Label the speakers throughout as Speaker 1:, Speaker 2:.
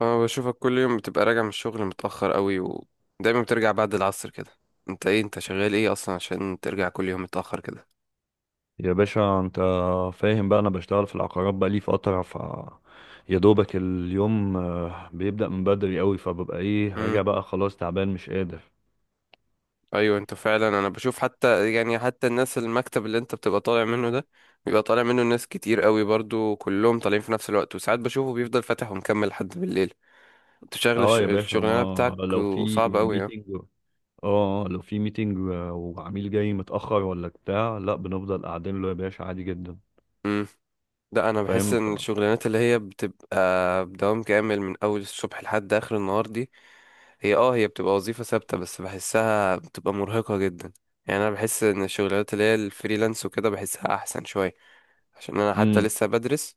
Speaker 1: اه، بشوفك كل يوم بتبقى راجع من الشغل متأخر قوي، ودايما بترجع بعد العصر كده. انت شغال ايه اصلا عشان ترجع كل يوم متأخر كده؟
Speaker 2: يا باشا، انت فاهم بقى. انا بشتغل في العقارات بقى لي فترة. يا دوبك اليوم، بيبدأ من بدري قوي، فببقى
Speaker 1: امم
Speaker 2: راجع بقى، خلاص تعبان مش قادر.
Speaker 1: ايوه، انت فعلا. انا بشوف حتى الناس، المكتب اللي انت بتبقى طالع منه ده بيبقى طالع منه ناس كتير قوي برضو، كلهم طالعين في نفس الوقت، وساعات بشوفه بيفضل فاتح ومكمل لحد بالليل. انت شغل
Speaker 2: اه يا باشا،
Speaker 1: الشغلانة
Speaker 2: ما
Speaker 1: بتاعك
Speaker 2: لو في
Speaker 1: وصعب قوي، اه.
Speaker 2: ميتنج اه آه، لو في ميتنج وعميل جاي متأخر ولا بتاع، لا، بنفضل قاعدين له يا باشا، عادي جدا.
Speaker 1: امم لا، انا بحس
Speaker 2: فاهم. ف
Speaker 1: ان الشغلانات اللي هي بتبقى بدوام كامل من اول الصبح لحد اخر النهار دي، هي بتبقى وظيفة ثابتة، بس بحسها بتبقى مرهقة جدا. يعني انا بحس ان الشغلات اللي هي الفريلانس وكده بحسها احسن شوية، عشان انا حتى
Speaker 2: امم
Speaker 1: لسه بدرس.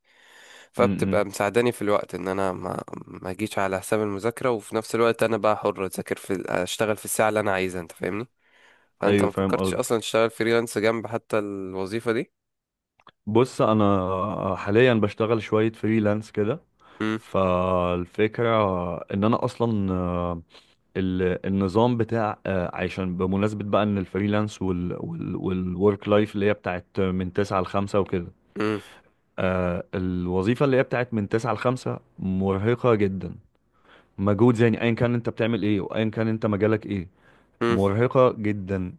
Speaker 2: إمم.
Speaker 1: فبتبقى مساعداني في الوقت ان انا ما اجيش على حساب المذاكرة، وفي نفس الوقت انا بقى حر اذاكر في اشتغل في الساعة اللي انا عايزها، انت فاهمني. فانت
Speaker 2: ايوه
Speaker 1: ما
Speaker 2: فاهم
Speaker 1: فكرتش
Speaker 2: قصدي.
Speaker 1: اصلا تشتغل فريلانس جنب حتى الوظيفة دي؟
Speaker 2: بص، انا حاليا بشتغل شوية فريلانس كده.
Speaker 1: امم.
Speaker 2: فالفكرة ان انا اصلا النظام بتاع، عشان بمناسبة بقى ان الفريلانس والورك لايف اللي هي بتاعت من تسعة لخمسة وكده.
Speaker 1: امم.
Speaker 2: الوظيفة اللي هي بتاعت من تسعة لخمسة مرهقة جدا. مجهود يعني، ايا كان انت بتعمل ايه وايا كان انت مجالك ايه،
Speaker 1: امم.
Speaker 2: مرهقة جدا.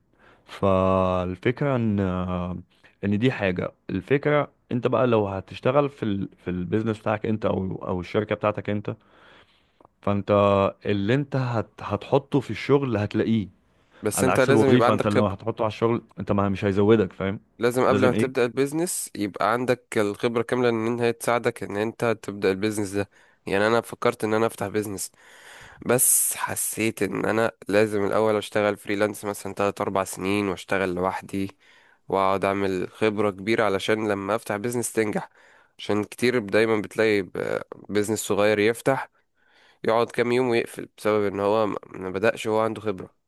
Speaker 2: فالفكرة ان دي حاجة. الفكرة، انت بقى لو هتشتغل في البيزنس بتاعك انت، او الشركة بتاعتك انت، فانت اللي انت هتحطه في الشغل هتلاقيه،
Speaker 1: بس
Speaker 2: على
Speaker 1: انت
Speaker 2: عكس
Speaker 1: لازم يبقى
Speaker 2: الوظيفة. انت
Speaker 1: عندك
Speaker 2: لو
Speaker 1: خبرة.
Speaker 2: هتحطه على الشغل انت ما مش هيزودك، فاهم.
Speaker 1: لازم قبل ما
Speaker 2: لازم
Speaker 1: تبدأ
Speaker 2: ايه؟
Speaker 1: البيزنس يبقى عندك الخبرة كاملة ان هي تساعدك ان انت تبدأ البيزنس ده. يعني انا فكرت ان انا افتح بيزنس، بس حسيت ان انا لازم الاول اشتغل فريلانس مثلا 3 4 سنين، واشتغل لوحدي، واقعد اعمل خبرة كبيرة علشان لما افتح بيزنس تنجح. عشان كتير دايما بتلاقي بيزنس صغير يفتح، يقعد كام يوم ويقفل بسبب ان هو ما بدأش وهو عنده خبرة.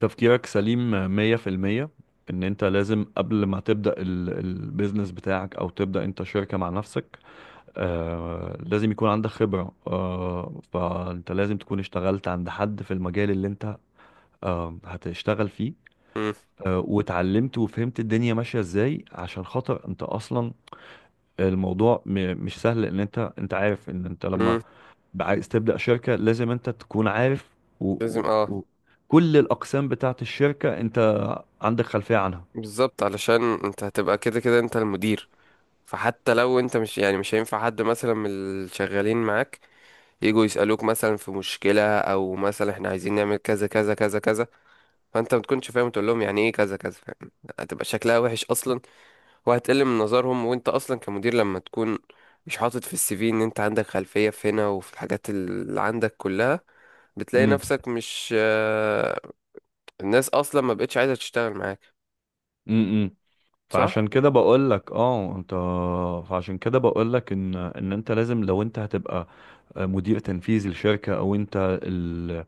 Speaker 2: تفكيرك سليم 100%، ان انت لازم قبل ما تبدأ البيزنس بتاعك او تبدأ انت شركة مع نفسك، لازم يكون عندك خبرة. فانت لازم تكون اشتغلت عند حد في المجال اللي انت هتشتغل فيه،
Speaker 1: مم.
Speaker 2: واتعلمت وفهمت الدنيا ماشية ازاي. عشان خاطر انت اصلا الموضوع مش سهل، ان انت عارف ان انت لما
Speaker 1: مم.
Speaker 2: عايز تبدأ شركة لازم انت تكون عارف. و...
Speaker 1: لازم،
Speaker 2: و...
Speaker 1: اه.
Speaker 2: و... كل الأقسام بتاعت الشركة انت عندك خلفية عنها.
Speaker 1: بالظبط، علشان انت هتبقى كده كده انت المدير. فحتى لو انت مش يعني مش هينفع حد مثلا من الشغالين معاك يجوا يسألوك مثلا في مشكلة، او مثلا احنا عايزين نعمل كذا كذا كذا كذا، فانت ما تكونش فاهم تقول لهم يعني ايه كذا كذا، فاهم؟ هتبقى شكلها وحش اصلا، وهتقل من نظرهم. وانت اصلا كمدير لما تكون مش حاطط في السي في ان انت عندك خلفية في هنا وفي الحاجات اللي عندك كلها، بتلاقي
Speaker 2: امم
Speaker 1: نفسك مش الناس اصلا ما بقتش عايزة تشتغل معاك.
Speaker 2: امم
Speaker 1: صح؟
Speaker 2: فعشان كده بقول لك، ان انت لازم، لو انت هتبقى مدير تنفيذي لشركه، او انت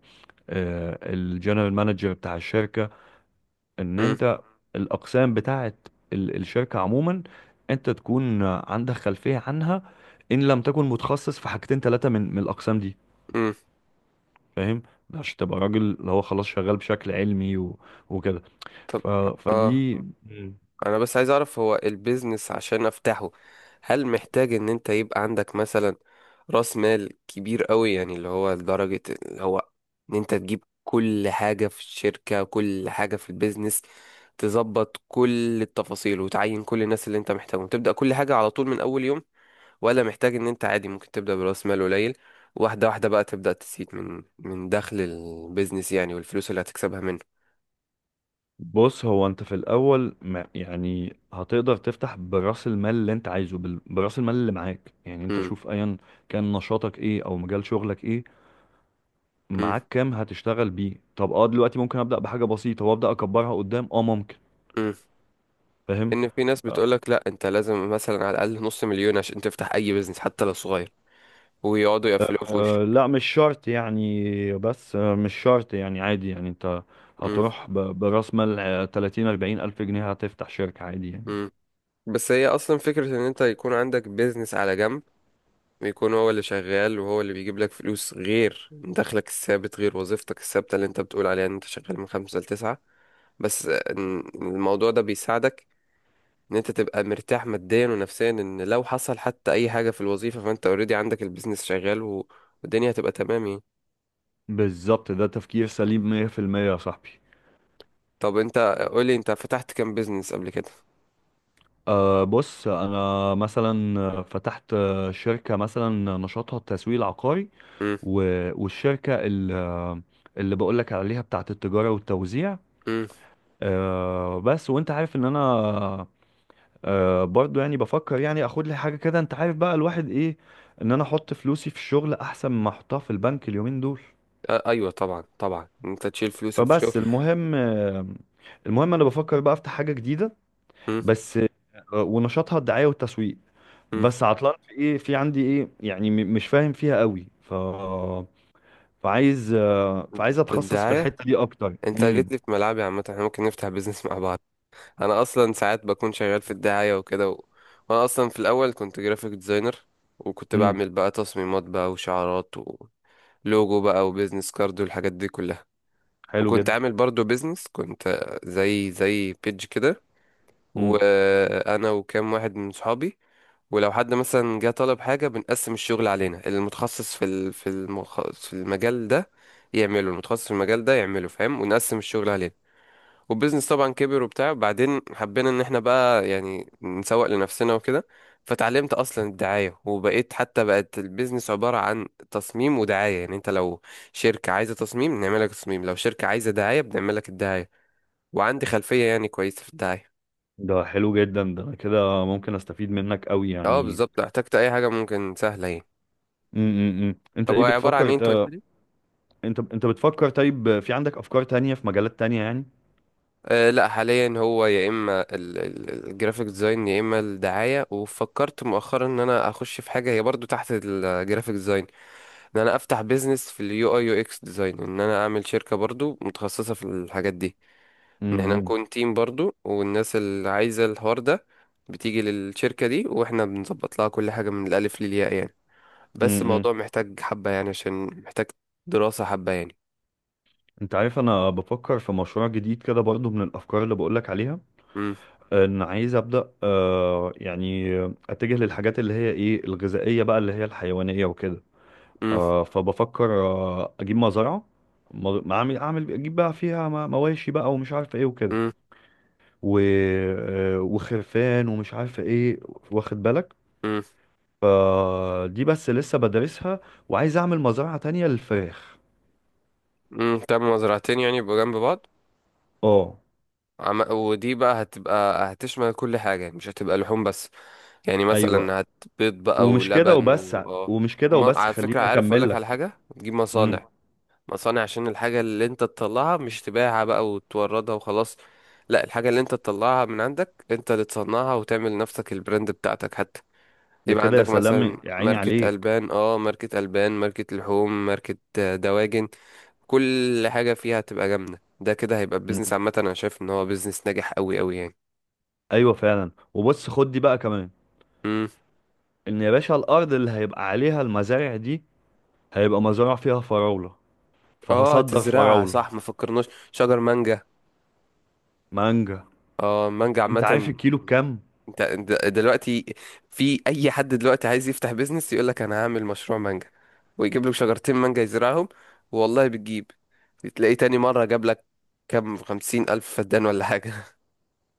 Speaker 2: الجنرال مانجر بتاع الشركه، ان
Speaker 1: امم.
Speaker 2: انت الاقسام بتاعت الشركه عموما انت تكون عندك خلفيه عنها، ان لم تكن متخصص في حاجتين ثلاثه من الاقسام دي،
Speaker 1: امم.
Speaker 2: فاهم. عشان تبقى راجل اللي هو خلاص شغال بشكل علمي وكده.
Speaker 1: طب،
Speaker 2: ف...
Speaker 1: اه.
Speaker 2: فدي. مم.
Speaker 1: انا بس عايز اعرف، هو البيزنس عشان افتحه هل محتاج ان انت يبقى عندك مثلا راس مال كبير قوي، يعني اللي هو لدرجة اللي هو ان انت تجيب كل حاجة في الشركة، كل حاجة في البيزنس، تظبط كل التفاصيل وتعين كل الناس اللي انت محتاجهم، تبدأ كل حاجة على طول من اول يوم، ولا محتاج ان انت عادي ممكن تبدأ براس مال قليل، واحدة واحدة بقى، تبدأ تسيب من دخل البيزنس يعني والفلوس اللي هتكسبها منه؟
Speaker 2: بص، هو انت في الاول ما يعني هتقدر تفتح براس المال اللي انت عايزه، براس المال اللي معاك يعني. انت
Speaker 1: امم.
Speaker 2: شوف ايا كان نشاطك ايه او مجال شغلك ايه،
Speaker 1: امم.
Speaker 2: معاك كام هتشتغل بيه. طب، دلوقتي ممكن ابدا بحاجه بسيطه وابدا اكبرها قدام، ممكن،
Speaker 1: امم.
Speaker 2: فاهم.
Speaker 1: ان في ناس
Speaker 2: آه،
Speaker 1: بتقولك لا انت لازم مثلا على الاقل نص مليون عشان تفتح اي بيزنس حتى لو صغير، ويقعدوا يقفلوها في وشك.
Speaker 2: لا، مش شرط يعني، بس مش شرط يعني، عادي يعني. انت
Speaker 1: مم.
Speaker 2: هتروح براس مال 30 40 ألف جنيه، هتفتح شركة عادي يعني.
Speaker 1: مم. بس هي اصلا فكرة ان انت يكون عندك بيزنس على جنب، ويكون هو اللي شغال وهو اللي بيجيب لك فلوس غير دخلك الثابت، غير وظيفتك الثابتة اللي انت بتقول عليها ان انت شغال من خمسة لتسعة. بس الموضوع ده بيساعدك ان انت تبقى مرتاح ماديا ونفسيا، ان لو حصل حتى اي حاجة في الوظيفة فانت اوريدي عندك البيزنس شغال، و- والدنيا هتبقى تمام يعني.
Speaker 2: بالظبط، ده تفكير سليم 100% يا صاحبي.
Speaker 1: طب انت قولي، انت فتحت كام بيزنس قبل كده؟
Speaker 2: بص، انا مثلا فتحت شركة مثلا نشاطها التسويق العقاري،
Speaker 1: امم.
Speaker 2: والشركة اللي بقولك عليها بتاعت التجارة والتوزيع.
Speaker 1: امم.
Speaker 2: بس، وانت عارف ان انا برضو يعني بفكر يعني اخد لي حاجه كده، انت عارف بقى الواحد ايه، ان انا احط فلوسي في الشغل احسن ما احطها في البنك اليومين دول.
Speaker 1: آه، ايوه طبعا طبعا، انت تشيل فلوسك في شغل.
Speaker 2: فبس المهم، انا بفكر بقى افتح حاجه جديده
Speaker 1: امم.
Speaker 2: بس، ونشاطها الدعايه والتسويق.
Speaker 1: امم.
Speaker 2: بس عطلان في ايه، في عندي ايه يعني، مش فاهم فيها قوي. فعايز اتخصص في
Speaker 1: الدعايه؟
Speaker 2: الحته دي اكتر.
Speaker 1: انت جيت لي في ملعبي عامه، احنا ممكن نفتح بيزنس مع بعض. انا اصلا ساعات بكون شغال في الدعايه وكده، وانا اصلا في الاول كنت جرافيك ديزاينر، وكنت
Speaker 2: امم
Speaker 1: بعمل بقى تصميمات بقى، وشعارات ولوجو بقى، وبيزنس كارد والحاجات دي كلها.
Speaker 2: حلو
Speaker 1: وكنت
Speaker 2: جدا.
Speaker 1: عامل برضو بيزنس، كنت زي بيج كده،
Speaker 2: امم
Speaker 1: وانا وكام واحد من صحابي. ولو حد مثلا جه طلب حاجة، بنقسم الشغل علينا؛ المتخصص في المجال ده يعمله، المتخصص في المجال ده يعمله، فاهم؟ ونقسم الشغل علينا. والبيزنس طبعا كبر وبتاع، بعدين حبينا ان احنا بقى يعني نسوق لنفسنا وكده. فتعلمت اصلا الدعاية، وبقيت حتى بقت البيزنس عبارة عن تصميم ودعاية. يعني انت لو شركة عايزة تصميم نعمل لك تصميم، لو شركة عايزة دعاية بنعمل لك الدعاية، وعندي خلفية يعني كويسة في الدعاية.
Speaker 2: ده حلو جدا، ده أنا كده ممكن استفيد منك قوي
Speaker 1: اه،
Speaker 2: يعني.
Speaker 1: بالظبط، لو احتجت اي حاجة ممكن سهلة يعني.
Speaker 2: انت
Speaker 1: طب هو
Speaker 2: ايه
Speaker 1: عبارة عن
Speaker 2: بتفكر؟
Speaker 1: ايه انت قلت؟
Speaker 2: انت بتفكر، طيب، في عندك افكار تانية في مجالات تانية يعني؟
Speaker 1: أه لا، حاليا هو يا اما الجرافيك ديزاين، يا اما الدعايه. وفكرت مؤخرا ان انا اخش في حاجه هي برضو تحت الجرافيك ديزاين، ان انا افتح بيزنس في اليو اي، يو اكس ديزاين. ان انا اعمل شركه برضو متخصصه في الحاجات دي، ان احنا
Speaker 2: امم
Speaker 1: نكون تيم برضو، والناس اللي عايزه الحوار ده بتيجي للشركه دي واحنا بنظبط لها كل حاجه من الالف للياء يعني. بس
Speaker 2: امم
Speaker 1: الموضوع محتاج حبه يعني، عشان محتاج دراسه حبه يعني.
Speaker 2: انت عارف، انا بفكر في مشروع جديد كده برضو من الافكار اللي بقولك عليها،
Speaker 1: امم.
Speaker 2: ان عايز ابدا، اتجه للحاجات اللي هي الغذائية بقى، اللي هي الحيوانية وكده.
Speaker 1: امم.
Speaker 2: فبفكر اجيب مزرعة، اعمل اجيب بقى فيها مواشي بقى، ومش عارف ايه وكده،
Speaker 1: امم.
Speaker 2: و... آه، وخرفان ومش عارف ايه، واخد بالك. فدي بس لسه بدرسها، وعايز اعمل مزرعة تانية للفراخ.
Speaker 1: امم. تمام، زرعتين يعني يبقوا جنب بعض.
Speaker 2: اه.
Speaker 1: ودي بقى هتبقى هتشمل كل حاجة يعني، مش هتبقى لحوم بس، يعني
Speaker 2: ايوه،
Speaker 1: مثلا هتبيض بقى
Speaker 2: ومش كده
Speaker 1: ولبن
Speaker 2: وبس،
Speaker 1: و... آه.
Speaker 2: ومش كده وبس،
Speaker 1: على فكرة،
Speaker 2: خليني
Speaker 1: عارف
Speaker 2: اكمل
Speaker 1: أقولك على
Speaker 2: لك.
Speaker 1: حاجة؟ تجيب
Speaker 2: امم
Speaker 1: مصانع. مصانع عشان الحاجة اللي انت تطلعها مش تبيعها بقى وتوردها وخلاص، لا، الحاجة اللي انت تطلعها من عندك انت اللي تصنعها، وتعمل نفسك البراند بتاعتك حتى.
Speaker 2: ده
Speaker 1: يبقى
Speaker 2: كده، يا
Speaker 1: عندك
Speaker 2: سلام،
Speaker 1: مثلا
Speaker 2: يا عيني
Speaker 1: ماركة
Speaker 2: عليك.
Speaker 1: ألبان، اه، ماركة ألبان، ماركة لحوم، ماركة دواجن. كل حاجة فيها هتبقى جامدة، ده كده هيبقى بيزنس
Speaker 2: امم
Speaker 1: عامة، أنا شايف إن هو بيزنس ناجح أوي أوي يعني.
Speaker 2: ايوه فعلا، وبص خد دي بقى كمان،
Speaker 1: مم.
Speaker 2: ان يا باشا الارض اللي هيبقى عليها المزارع دي هيبقى مزارع فيها فراولة،
Speaker 1: اه،
Speaker 2: فهصدر
Speaker 1: تزرعها، صح،
Speaker 2: فراولة.
Speaker 1: ما فكرناش شجر مانجا.
Speaker 2: مانجا،
Speaker 1: اه، مانجا
Speaker 2: انت عارف
Speaker 1: عامة.
Speaker 2: الكيلو بكام؟
Speaker 1: انت دلوقتي في أي حد دلوقتي عايز يفتح بيزنس يقول لك أنا هعمل مشروع مانجا، ويجيب لك شجرتين مانجا يزرعهم. والله بتجيب، تلاقيه تاني مرة جاب لك كام، 50,000 فدان ولا حاجة.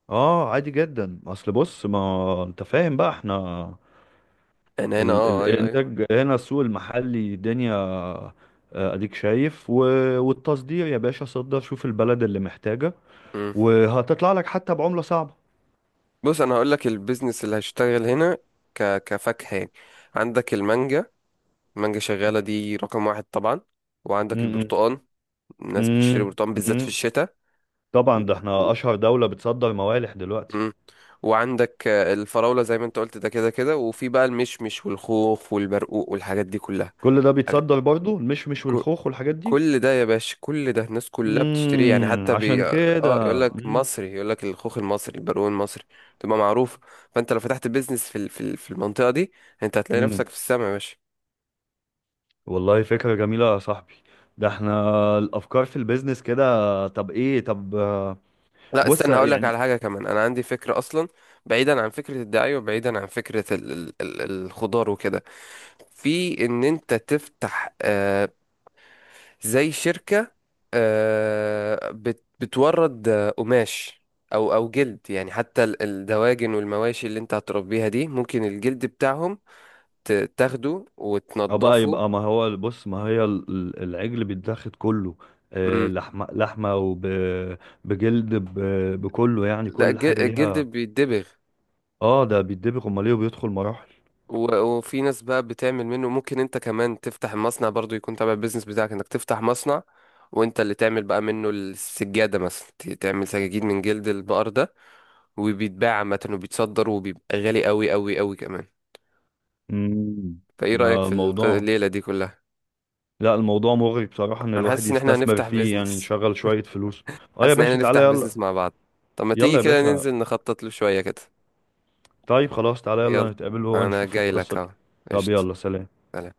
Speaker 2: اه عادي جدا. اصل بص، ما انت فاهم بقى، احنا
Speaker 1: أنا هنا، اه، أيوه أيوه.
Speaker 2: الانتاج هنا السوق المحلي دنيا. اديك شايف. والتصدير يا باشا، صدر، شوف البلد اللي محتاجة،
Speaker 1: مم.
Speaker 2: وهتطلع لك حتى بعملة صعبة.
Speaker 1: بص، أنا هقول لك البيزنس اللي هشتغل هنا كفاكهة يعني. عندك المانجا، مانجا شغالة دي رقم واحد طبعا. وعندك
Speaker 2: م-
Speaker 1: البرتقال،
Speaker 2: م-
Speaker 1: الناس بتشتري
Speaker 2: م-
Speaker 1: برتقال بالذات في
Speaker 2: م.
Speaker 1: الشتاء.
Speaker 2: طبعا، ده احنا اشهر دولة بتصدر موالح دلوقتي.
Speaker 1: مم. وعندك الفراولة زي ما انت قلت، ده كده كده. وفي بقى المشمش والخوخ والبرقوق والحاجات دي كلها.
Speaker 2: كل ده
Speaker 1: أغ-
Speaker 2: بيتصدر برضو، المشمش
Speaker 1: ك-
Speaker 2: والخوخ والحاجات دي.
Speaker 1: كل ده يا باشا، كل ده الناس كلها بتشتريه يعني، حتى
Speaker 2: عشان
Speaker 1: اه، يقول
Speaker 2: كده.
Speaker 1: لك مصري، يقول لك الخوخ المصري، البرقوق المصري، تبقى معروف. فانت لو فتحت بيزنس في المنطقة دي، انت هتلاقي نفسك
Speaker 2: مم.
Speaker 1: في السما يا باشا.
Speaker 2: والله فكرة جميلة يا صاحبي. ده احنا الافكار في البيزنس كده. طب ايه؟ طب آه،
Speaker 1: لا
Speaker 2: بص
Speaker 1: استنى، هقول لك
Speaker 2: يعني.
Speaker 1: على حاجة كمان، أنا عندي فكرة أصلا. بعيدا عن فكرة الدعاية، وبعيدا عن فكرة ال الخضار وكده، في إن أنت تفتح زي شركة آه بت بتورد قماش، أو جلد يعني. حتى الدواجن والمواشي اللي أنت هتربيها دي، ممكن الجلد بتاعهم تاخده
Speaker 2: اه بقى،
Speaker 1: وتنضفه.
Speaker 2: يبقى، ما هو بص، ما هي العجل بيتاخد كله،
Speaker 1: مم.
Speaker 2: لحمة لحمة وبجلد، بكله يعني،
Speaker 1: لا،
Speaker 2: كل حاجة
Speaker 1: الجلد
Speaker 2: ليها.
Speaker 1: بيتدبغ،
Speaker 2: اه ده بيتدبغ، امال ايه، وبيدخل مراحل.
Speaker 1: و- وفي ناس بقى بتعمل منه. ممكن انت كمان تفتح مصنع برضو يكون تبع البيزنس بتاعك، انك تفتح مصنع وانت اللي تعمل بقى منه السجادة مثلا، تعمل سجاجيد من جلد البقر ده. وبيتباع عامة، وبيتصدر، وبيبقى غالي قوي قوي قوي كمان.
Speaker 2: امم
Speaker 1: فايه رأيك
Speaker 2: آه،
Speaker 1: في
Speaker 2: الموضوع
Speaker 1: الليلة دي كلها؟
Speaker 2: لا، الموضوع مغري بصراحة، ان
Speaker 1: انا
Speaker 2: الواحد
Speaker 1: حاسس ان احنا
Speaker 2: يستثمر
Speaker 1: هنفتح
Speaker 2: فيه يعني
Speaker 1: بيزنس.
Speaker 2: يشغل شوية فلوس. اه يا
Speaker 1: حاسس ان احنا
Speaker 2: باشا، تعالى
Speaker 1: نفتح
Speaker 2: يلا.
Speaker 1: بيزنس مع بعض. طب ما
Speaker 2: يلا
Speaker 1: تيجي
Speaker 2: يا
Speaker 1: كده
Speaker 2: باشا،
Speaker 1: ننزل نخطط له شوية كده.
Speaker 2: طيب خلاص، تعالى
Speaker 1: يلا،
Speaker 2: يلا نتقابل
Speaker 1: انا
Speaker 2: ونشوف
Speaker 1: جاي
Speaker 2: القصة
Speaker 1: لك
Speaker 2: دي.
Speaker 1: اهو.
Speaker 2: طب،
Speaker 1: قشطة.
Speaker 2: يلا، سلام.
Speaker 1: سلام.